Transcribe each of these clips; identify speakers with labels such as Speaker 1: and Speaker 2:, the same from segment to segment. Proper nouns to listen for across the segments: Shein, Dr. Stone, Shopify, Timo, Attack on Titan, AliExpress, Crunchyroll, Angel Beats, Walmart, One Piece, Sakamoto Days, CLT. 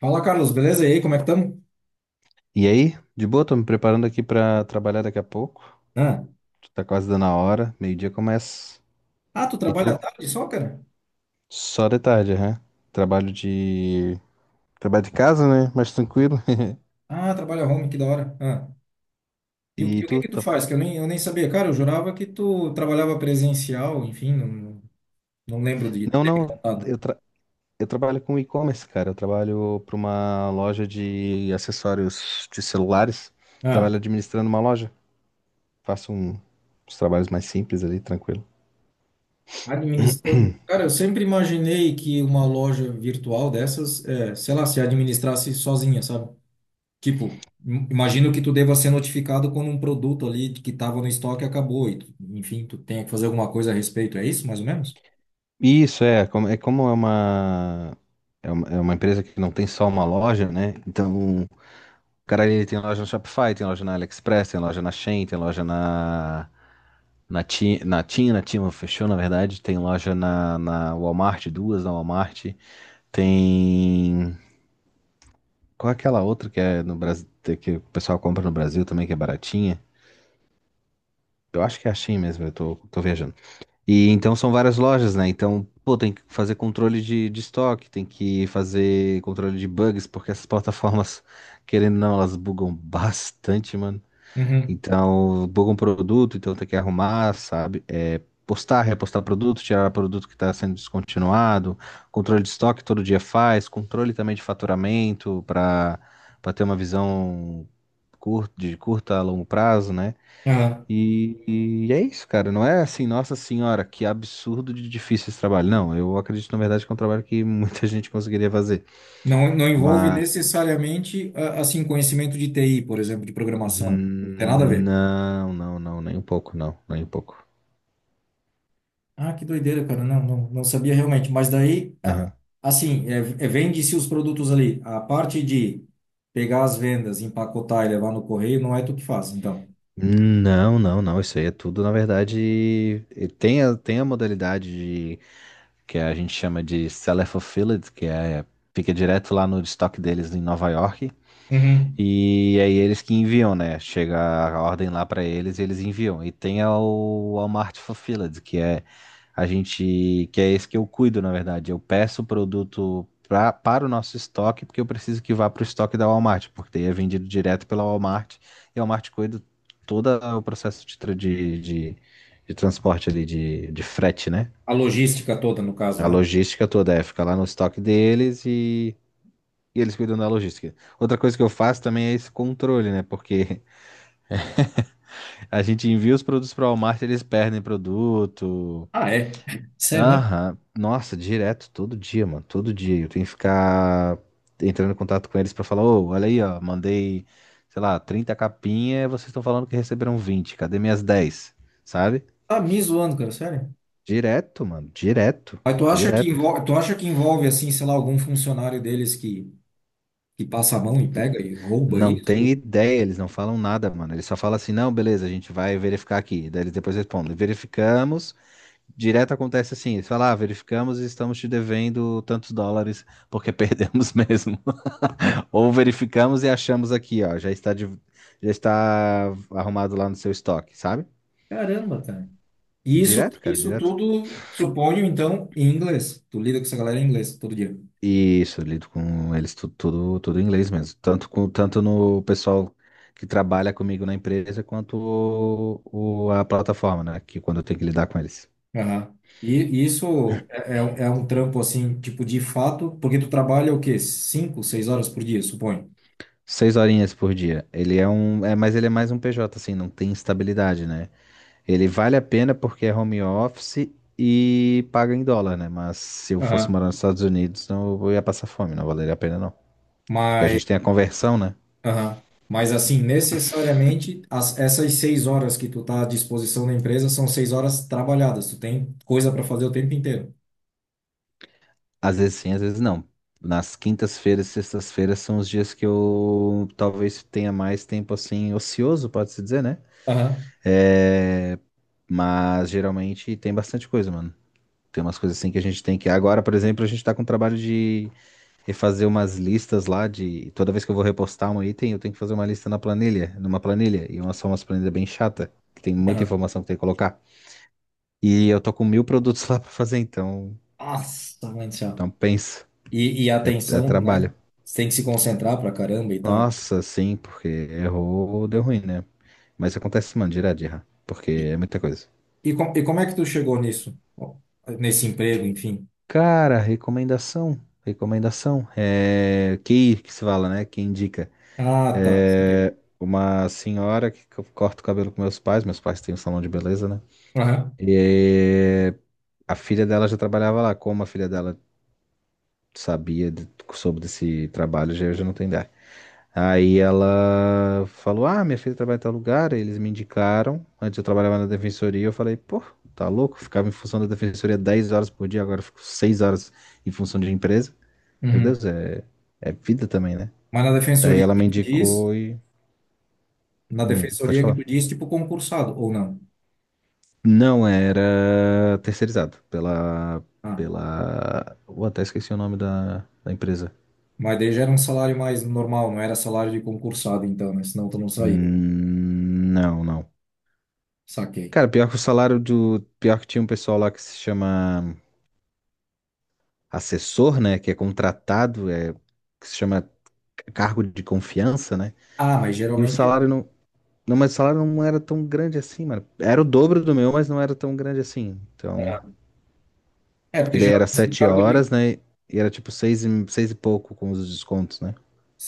Speaker 1: Fala, Carlos, beleza? E aí, como é que estamos?
Speaker 2: E aí? De boa, tô me preparando aqui pra trabalhar daqui a pouco.
Speaker 1: Ah.
Speaker 2: Tá quase dando a hora, meio-dia começa.
Speaker 1: Ah, tu
Speaker 2: E tu?
Speaker 1: trabalha à tarde só, cara?
Speaker 2: Só de tarde, né? Trabalho de. Trabalho de casa, né? Mais tranquilo.
Speaker 1: Ah, trabalha home, que da hora. Ah.
Speaker 2: E
Speaker 1: O que
Speaker 2: tu?
Speaker 1: que tu
Speaker 2: Tá...
Speaker 1: faz? Que eu nem sabia. Cara, eu jurava que tu trabalhava presencial, enfim, não lembro de
Speaker 2: Não,
Speaker 1: ter me
Speaker 2: não,
Speaker 1: contado.
Speaker 2: eu, tra... eu trabalho com e-commerce, cara. Eu trabalho pra uma loja de acessórios de celulares.
Speaker 1: Ah.
Speaker 2: Trabalho administrando uma loja. Faço uns trabalhos mais simples ali, tranquilo.
Speaker 1: Administrando. Cara, eu sempre imaginei que uma loja virtual dessas, é, sei lá, se administrasse sozinha, sabe? Tipo, imagino que tu deva ser notificado quando um produto ali que estava no estoque acabou e, enfim, tu tenha que fazer alguma coisa a respeito. É isso, mais ou menos?
Speaker 2: Isso é como é uma empresa que não tem só uma loja, né? Então, o cara ele tem loja no Shopify, tem loja na AliExpress, tem loja na Shein, tem loja na Timo fechou, na verdade, tem loja na Walmart, duas na Walmart, tem qual é aquela outra que é no Brasil que o pessoal compra no Brasil também que é baratinha? Eu acho que é a Shein mesmo, eu tô viajando. E então são várias lojas, né? Então, pô, tem que fazer controle de estoque, tem que fazer controle de bugs, porque essas plataformas, querendo ou não, elas bugam bastante, mano.
Speaker 1: Uhum.
Speaker 2: Então, bugam produto, então tem que arrumar, sabe? É, postar, repostar produto, tirar produto que está sendo descontinuado, controle de estoque todo dia faz, controle também de faturamento para ter uma visão de curta a longo prazo, né? E é isso, cara. Não é assim, nossa senhora, que absurdo de difícil esse trabalho. Não, eu acredito, na verdade, que é um trabalho que muita gente conseguiria fazer.
Speaker 1: Não, não envolve
Speaker 2: Mas.
Speaker 1: necessariamente, assim, conhecimento de TI, por exemplo, de programação. Não tem nada a ver.
Speaker 2: Não, não, não, nem um pouco, não, nem um pouco.
Speaker 1: Ah, que doideira, cara. Não, não, não sabia realmente. Mas daí,
Speaker 2: Aham.
Speaker 1: assim, vende-se os produtos ali. A parte de pegar as vendas, empacotar e levar no correio, não é tu que faz, então.
Speaker 2: Não, não, não. Isso aí é tudo, na verdade. Tem a modalidade de, que a gente chama de seller fulfilled, que fica direto lá no estoque deles em Nova York.
Speaker 1: Uhum.
Speaker 2: E aí eles que enviam, né? Chega a ordem lá pra eles e eles enviam. E tem o Walmart Fulfilled, que é a gente, que é esse que eu cuido, na verdade. Eu peço o produto para o nosso estoque, porque eu preciso que vá pro estoque da Walmart, porque daí é vendido direto pela Walmart e a Walmart cuida todo o processo de transporte ali, de frete, né?
Speaker 1: A logística toda, no caso,
Speaker 2: A
Speaker 1: né?
Speaker 2: logística toda fica lá no estoque deles e eles cuidam da logística. Outra coisa que eu faço também é esse controle, né? Porque a gente envia os produtos para o Walmart, eles perdem produto.
Speaker 1: Ah, é. Sério mesmo?
Speaker 2: Aham. Nossa, direto, todo dia, mano. Todo dia. Eu tenho que ficar entrando em contato com eles para falar: ô, olha aí, ó, mandei, sei lá, 30 capinhas, vocês estão falando que receberam 20. Cadê minhas 10? Sabe?
Speaker 1: Tá me zoando, cara, sério.
Speaker 2: Direto, mano. Direto.
Speaker 1: Mas tu acha que
Speaker 2: Direto.
Speaker 1: envolve, tu acha que envolve, assim, sei lá, algum funcionário deles que passa a mão e pega e rouba
Speaker 2: Não tem
Speaker 1: isso?
Speaker 2: ideia, eles não falam nada, mano. Eles só falam assim: não, beleza, a gente vai verificar aqui. Daí eles depois respondem: verificamos, direto acontece assim, eles falam, ah, verificamos e estamos te devendo tantos dólares porque perdemos mesmo. Ou verificamos e achamos aqui, ó, já está, já está arrumado lá no seu estoque, sabe?
Speaker 1: Caramba, cara. E isso,
Speaker 2: Direto, cara,
Speaker 1: isso
Speaker 2: direto.
Speaker 1: tudo, supõe então, em inglês. Tu lida com essa galera em inglês todo dia.
Speaker 2: Isso, eu lido com eles tudo, tudo, em inglês mesmo. Tanto no pessoal que trabalha comigo na empresa, quanto a plataforma, né? Que quando eu tenho que lidar com eles.
Speaker 1: Aham. E e isso é um trampo, assim, tipo, de fato, porque tu trabalha o quê? Cinco, seis horas por dia, suponho.
Speaker 2: 6 horinhas por dia. Ele é um. É, mas ele é mais um PJ, assim, não tem estabilidade, né? Ele vale a pena porque é home office e paga em dólar, né? Mas se eu fosse
Speaker 1: Aham.
Speaker 2: morar nos Estados Unidos, não eu ia passar fome, não valeria a pena, não. Porque a
Speaker 1: Mas,
Speaker 2: gente tem a conversão, né?
Speaker 1: aham. Mas, assim, necessariamente, essas 6 horas que tu tá à disposição da empresa são 6 horas trabalhadas. Tu tem coisa para fazer o tempo inteiro.
Speaker 2: Às vezes sim, às vezes não. Nas quintas-feiras, e sextas-feiras são os dias que eu talvez tenha mais tempo assim, ocioso, pode-se dizer, né?
Speaker 1: Aham.
Speaker 2: É... Mas geralmente tem bastante coisa, mano. Tem umas coisas assim que a gente tem que. Agora, por exemplo, a gente tá com trabalho de refazer umas listas lá de. Toda vez que eu vou repostar um item, eu tenho que fazer uma lista na planilha, numa planilha. Umas planilhas bem chata, que tem muita
Speaker 1: Aham.
Speaker 2: informação que tem que colocar. E eu tô com 1.000 produtos lá pra fazer, então.
Speaker 1: Nossa, mãe do céu.
Speaker 2: Então pensa.
Speaker 1: E a
Speaker 2: É
Speaker 1: atenção,
Speaker 2: trabalho.
Speaker 1: né? Você tem que se concentrar pra caramba e tal.
Speaker 2: Nossa, sim, porque errou, deu ruim, né? Mas acontece, mano, direto de errar. Porque é muita coisa.
Speaker 1: E como é que tu chegou nisso? Nesse emprego, enfim.
Speaker 2: Cara, recomendação. Recomendação. É. Que se fala, né? Que indica.
Speaker 1: Ah, tá. Saquei.
Speaker 2: É. Uma senhora que eu corto o cabelo com meus pais. Meus pais têm um salão de beleza, né?
Speaker 1: Aham.
Speaker 2: E a filha dela já trabalhava lá. Como a filha dela sabia, soube desse trabalho, já, já não tem ideia. Aí ela falou: ah, minha filha trabalha em tal lugar. Aí eles me indicaram. Antes eu trabalhava na defensoria. Eu falei: pô, tá louco? Ficava em função da defensoria 10 horas por dia. Agora eu fico 6 horas em função de empresa. Meu
Speaker 1: Uhum.
Speaker 2: Deus, é vida também, né?
Speaker 1: Mas na
Speaker 2: Daí
Speaker 1: defensoria
Speaker 2: ela
Speaker 1: que
Speaker 2: me
Speaker 1: tu diz,
Speaker 2: indicou.
Speaker 1: na
Speaker 2: Pode
Speaker 1: defensoria que
Speaker 2: falar.
Speaker 1: tu diz, tipo concursado, ou não?
Speaker 2: Não, era terceirizado pela,
Speaker 1: Ah,
Speaker 2: pela... Eu até esqueci o nome da empresa.
Speaker 1: mas daí já era um salário mais normal, não era salário de concursado, então, né? Senão tu não saía.
Speaker 2: Não, não.
Speaker 1: Saquei.
Speaker 2: Cara, pior que o salário do. Pior que tinha um pessoal lá que se chama assessor, né? Que é contratado, que se chama cargo de confiança, né?
Speaker 1: Ah, mas
Speaker 2: E o
Speaker 1: geralmente.
Speaker 2: salário não. Não, mas o salário não era tão grande assim, mano. Era o dobro do meu, mas não era tão grande assim. Então...
Speaker 1: É,
Speaker 2: Porque
Speaker 1: porque
Speaker 2: daí era
Speaker 1: geralmente esse
Speaker 2: sete
Speaker 1: cargo de.
Speaker 2: horas, né? E era tipo seis e pouco com os descontos, né?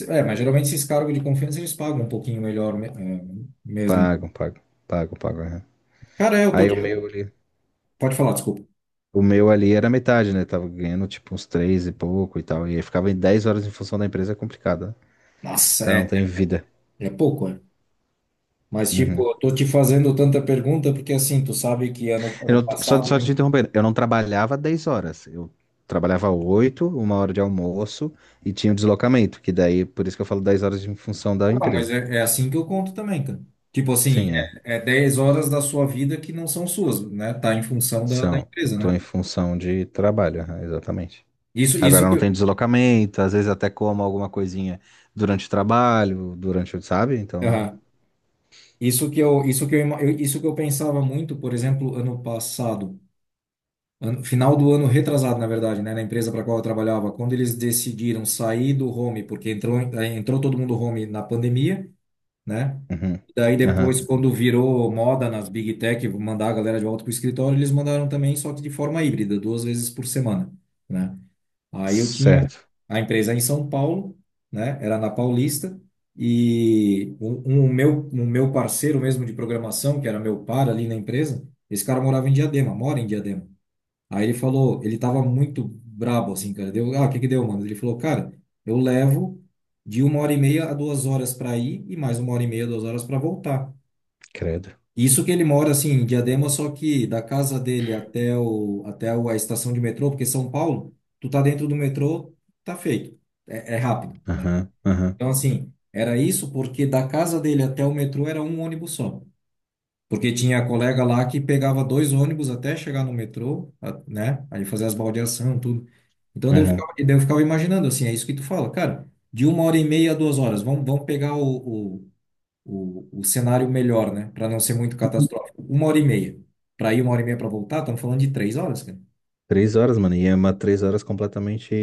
Speaker 1: É, mas geralmente esses cargos de confiança eles pagam um pouquinho melhor mesmo.
Speaker 2: Pagam, pagam, pagam, pagam. Aham.
Speaker 1: Cara, eu tô.
Speaker 2: Aí o meu ali,
Speaker 1: Pode falar, desculpa.
Speaker 2: o meu ali era metade, né? Tava ganhando tipo uns três e pouco e tal. E aí ficava em 10 horas em função da empresa, é complicado, né? O
Speaker 1: Nossa,
Speaker 2: cara não
Speaker 1: é.
Speaker 2: tem vida.
Speaker 1: É pouco, é. Mas, tipo,
Speaker 2: Uhum.
Speaker 1: eu tô te fazendo tanta pergunta porque, assim, tu sabe que ano,
Speaker 2: Eu
Speaker 1: ano
Speaker 2: não- só,
Speaker 1: passado,
Speaker 2: só
Speaker 1: hein?
Speaker 2: te interrompendo, eu não trabalhava 10 horas. Eu trabalhava 8, uma hora de almoço e tinha o deslocamento, que daí, por isso que eu falo 10 horas em função da
Speaker 1: Ah, não, mas
Speaker 2: empresa.
Speaker 1: é assim que eu conto também, cara. Tipo assim,
Speaker 2: Sim, é.
Speaker 1: 10 horas da sua vida que não são suas, né? Tá em função da
Speaker 2: São.
Speaker 1: empresa,
Speaker 2: Tô em
Speaker 1: né?
Speaker 2: função de trabalho, aham, exatamente.
Speaker 1: Isso, isso
Speaker 2: Agora
Speaker 1: que
Speaker 2: não tem
Speaker 1: eu,
Speaker 2: deslocamento, às vezes até como alguma coisinha durante o trabalho, sabe? Então.
Speaker 1: Aham. Isso que eu, ima- eu- isso que eu pensava muito, por exemplo, ano passado, final do ano retrasado, na verdade, né? Na empresa para qual eu trabalhava, quando eles decidiram sair do home, porque entrou todo mundo home na pandemia, né?
Speaker 2: Uhum.
Speaker 1: Daí
Speaker 2: Aham.
Speaker 1: depois, quando virou moda nas Big Tech mandar a galera de volta para o escritório, eles mandaram também, só que de forma híbrida, 2 vezes por semana, né? Aí eu tinha
Speaker 2: Certo.
Speaker 1: a empresa em São Paulo, né? Era na Paulista e um meu parceiro mesmo de programação, que era meu par ali na empresa, esse cara morava em Diadema, mora em Diadema. Aí ele falou, ele tava muito brabo assim, cara. Deu, ah, o que que deu, mano? Ele falou, cara, eu levo de 1 hora e meia a 2 horas para ir e mais 1 hora e meia, 2 horas para voltar.
Speaker 2: Credo.
Speaker 1: Isso que ele mora assim em Diadema, só que da casa dele a estação de metrô, porque São Paulo, tu tá dentro do metrô, tá feito. Rápido, né?
Speaker 2: Aham, aham,
Speaker 1: Então assim, era isso porque da casa dele até o metrô era um ônibus só. Porque tinha colega lá que pegava dois ônibus até chegar no metrô, né? Aí fazer as baldeação, tudo. Então daí eu
Speaker 2: aham.
Speaker 1: ficava, daí eu ficava imaginando assim, é isso que tu fala, cara, de uma hora e meia a duas horas, vamos pegar o cenário melhor, né? Para não ser muito catastrófico. 1 hora e meia. Para ir 1 hora e meia para voltar, estamos falando de 3 horas, cara.
Speaker 2: Três horas, mano, e é uma três horas completamente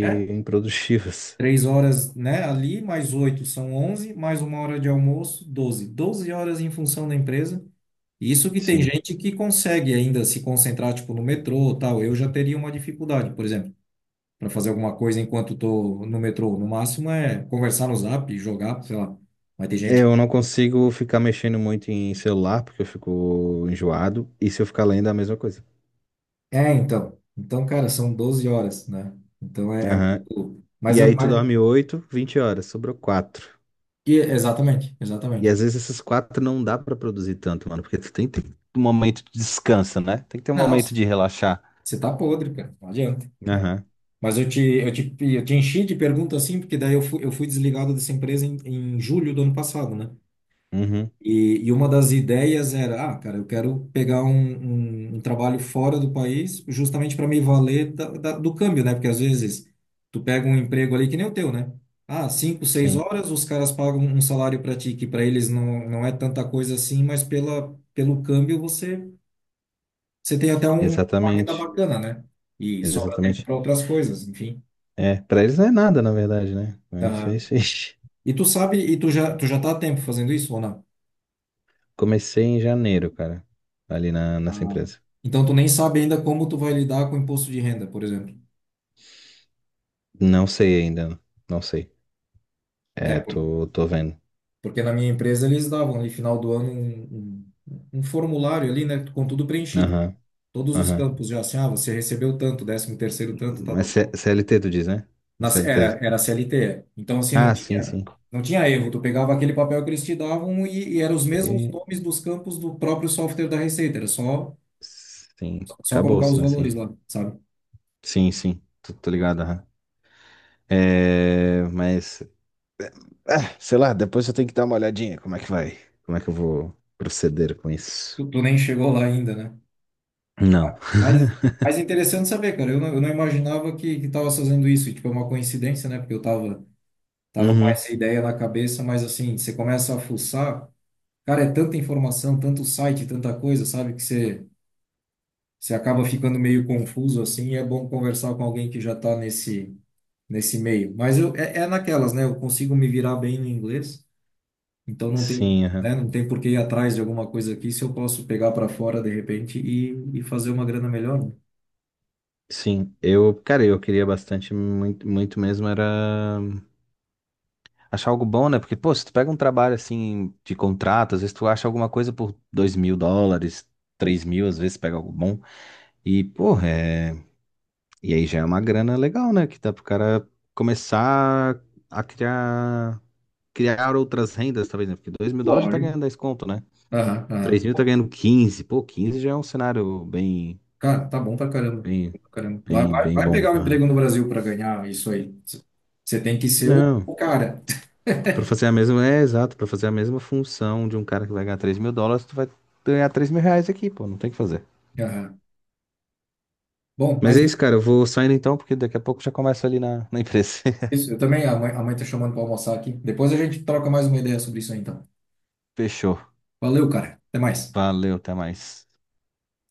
Speaker 1: É?
Speaker 2: improdutivas.
Speaker 1: 3 horas, né? Ali, mais oito são onze, mais 1 hora de almoço, doze. Doze horas em função da empresa. E isso que tem
Speaker 2: Sim.
Speaker 1: gente que consegue ainda se concentrar, tipo, no metrô, tal. Eu já teria uma dificuldade, por exemplo, para fazer alguma coisa enquanto tô no metrô. No máximo é conversar no Zap, jogar, sei lá. Mas tem
Speaker 2: É,
Speaker 1: gente
Speaker 2: eu não consigo ficar mexendo muito em celular, porque eu fico enjoado, e se eu ficar lendo é a mesma coisa.
Speaker 1: É, então. Então, cara, são 12 horas, né? Então
Speaker 2: Aham.
Speaker 1: muito.
Speaker 2: E aí tu dorme 8, 20 horas, sobrou quatro.
Speaker 1: Exatamente,
Speaker 2: E
Speaker 1: exatamente.
Speaker 2: às vezes esses quatro não dá pra produzir tanto, mano, porque tu tem que ter um momento de descanso, né? Tem que ter um
Speaker 1: Não,
Speaker 2: momento
Speaker 1: você
Speaker 2: de relaxar.
Speaker 1: você tá podre, cara. Não adianta, né?
Speaker 2: Aham.
Speaker 1: Mas eu te enchi de pergunta assim, porque daí eu fui desligado dessa empresa em julho do ano passado, né?
Speaker 2: Uhum.
Speaker 1: E uma das ideias era, ah, cara, eu quero pegar um trabalho fora do país, justamente para me valer do câmbio, né? Porque às vezes tu pega um emprego ali que nem o teu, né? Ah, cinco, seis
Speaker 2: Sim.
Speaker 1: horas, os caras pagam um salário para ti, que para eles não é tanta coisa assim, mas pelo câmbio você tem até uma renda
Speaker 2: Exatamente.
Speaker 1: bacana, né? E sobra tempo
Speaker 2: Exatamente.
Speaker 1: para outras coisas, enfim.
Speaker 2: É, pra eles não é nada, na verdade, né? É,
Speaker 1: Aham.
Speaker 2: sei, sei.
Speaker 1: E tu sabe, e tu já tá há tempo fazendo isso ou não?
Speaker 2: Comecei em janeiro, cara, ali na, nessa
Speaker 1: Ah,
Speaker 2: empresa.
Speaker 1: então, tu nem sabe ainda como tu vai lidar com o imposto de renda, por exemplo.
Speaker 2: Não sei ainda, não sei.
Speaker 1: É,
Speaker 2: É, tô vendo.
Speaker 1: porque na minha empresa eles davam ali, final do ano, um formulário ali, né, com tudo preenchido.
Speaker 2: Aham,
Speaker 1: Todos os
Speaker 2: aham.
Speaker 1: campos já assim, ah, você recebeu tanto, décimo terceiro tanto, tal,
Speaker 2: Mas
Speaker 1: tal, tal.
Speaker 2: CLT tu diz, né?
Speaker 1: Era,
Speaker 2: CLT.
Speaker 1: era CLT. Então, assim, não
Speaker 2: Ah, sim,
Speaker 1: tinha,
Speaker 2: sim.
Speaker 1: não tinha erro. Tu pegava aquele papel que eles te davam e eram os mesmos
Speaker 2: E-
Speaker 1: nomes dos campos do próprio software da Receita. Era só,
Speaker 2: sim,
Speaker 1: só colocar os
Speaker 2: acabou-se, né?
Speaker 1: valores
Speaker 2: Sim.
Speaker 1: lá, sabe?
Speaker 2: Sim, sim, tô ligado. Aham. É, mas, ah, sei lá, depois eu tenho que dar uma olhadinha como é que vai, como é que eu vou proceder com isso.
Speaker 1: Tu nem chegou lá ainda, né?
Speaker 2: Não.
Speaker 1: Mas, mas é interessante saber, cara. Eu não imaginava que tava fazendo isso. E, tipo, é uma coincidência, né? Porque eu tava com
Speaker 2: Uhum.
Speaker 1: essa ideia na cabeça, mas assim, você começa a fuçar, cara, é tanta informação, tanto site, tanta coisa, sabe? Que você acaba ficando meio confuso, assim, e é bom conversar com alguém que já tá nesse meio. Mas eu, naquelas, né? Eu consigo me virar bem no inglês, então não tem,
Speaker 2: Sim, aham.
Speaker 1: né? Não tem por que ir atrás de alguma coisa aqui se eu posso pegar para fora de repente e fazer uma grana melhor, né?
Speaker 2: Sim, eu, cara, eu queria bastante, muito, muito mesmo era achar algo bom, né? Porque, pô, se tu pega um trabalho assim de contrato, às vezes tu acha alguma coisa por US$ 2.000, 3 mil, às vezes pega algo bom. E, pô, é... e aí já é uma grana legal, né? Que dá pro cara começar a criar outras rendas, talvez, né? Porque US$ 2.000 já tá
Speaker 1: Lógico.
Speaker 2: ganhando 10 conto, né?
Speaker 1: Aham, aham.
Speaker 2: Três mil tá ganhando quinze. Pô, 15 já é um cenário bem,
Speaker 1: Cara, tá bom pra caramba.
Speaker 2: bem,
Speaker 1: Pra caramba. Vai,
Speaker 2: bem,
Speaker 1: vai,
Speaker 2: bem
Speaker 1: vai
Speaker 2: bom.
Speaker 1: pegar um
Speaker 2: Aham.
Speaker 1: emprego no Brasil para ganhar isso aí. Você tem que ser o
Speaker 2: Não,
Speaker 1: o cara.
Speaker 2: pra fazer a mesma, é exato, pra fazer a mesma função de um cara que vai ganhar US$ 3.000, tu vai ganhar R$ 3.000 aqui, pô, não tem o que fazer.
Speaker 1: Aham. Bom,
Speaker 2: Mas
Speaker 1: mas
Speaker 2: é
Speaker 1: é
Speaker 2: isso, cara, eu vou saindo então, porque daqui a pouco já começa ali na, na empresa.
Speaker 1: isso. Eu também, a mãe tá chamando para almoçar aqui. Depois a gente troca mais uma ideia sobre isso aí, então.
Speaker 2: Fechou.
Speaker 1: Valeu, cara. Até mais.
Speaker 2: Valeu, até mais.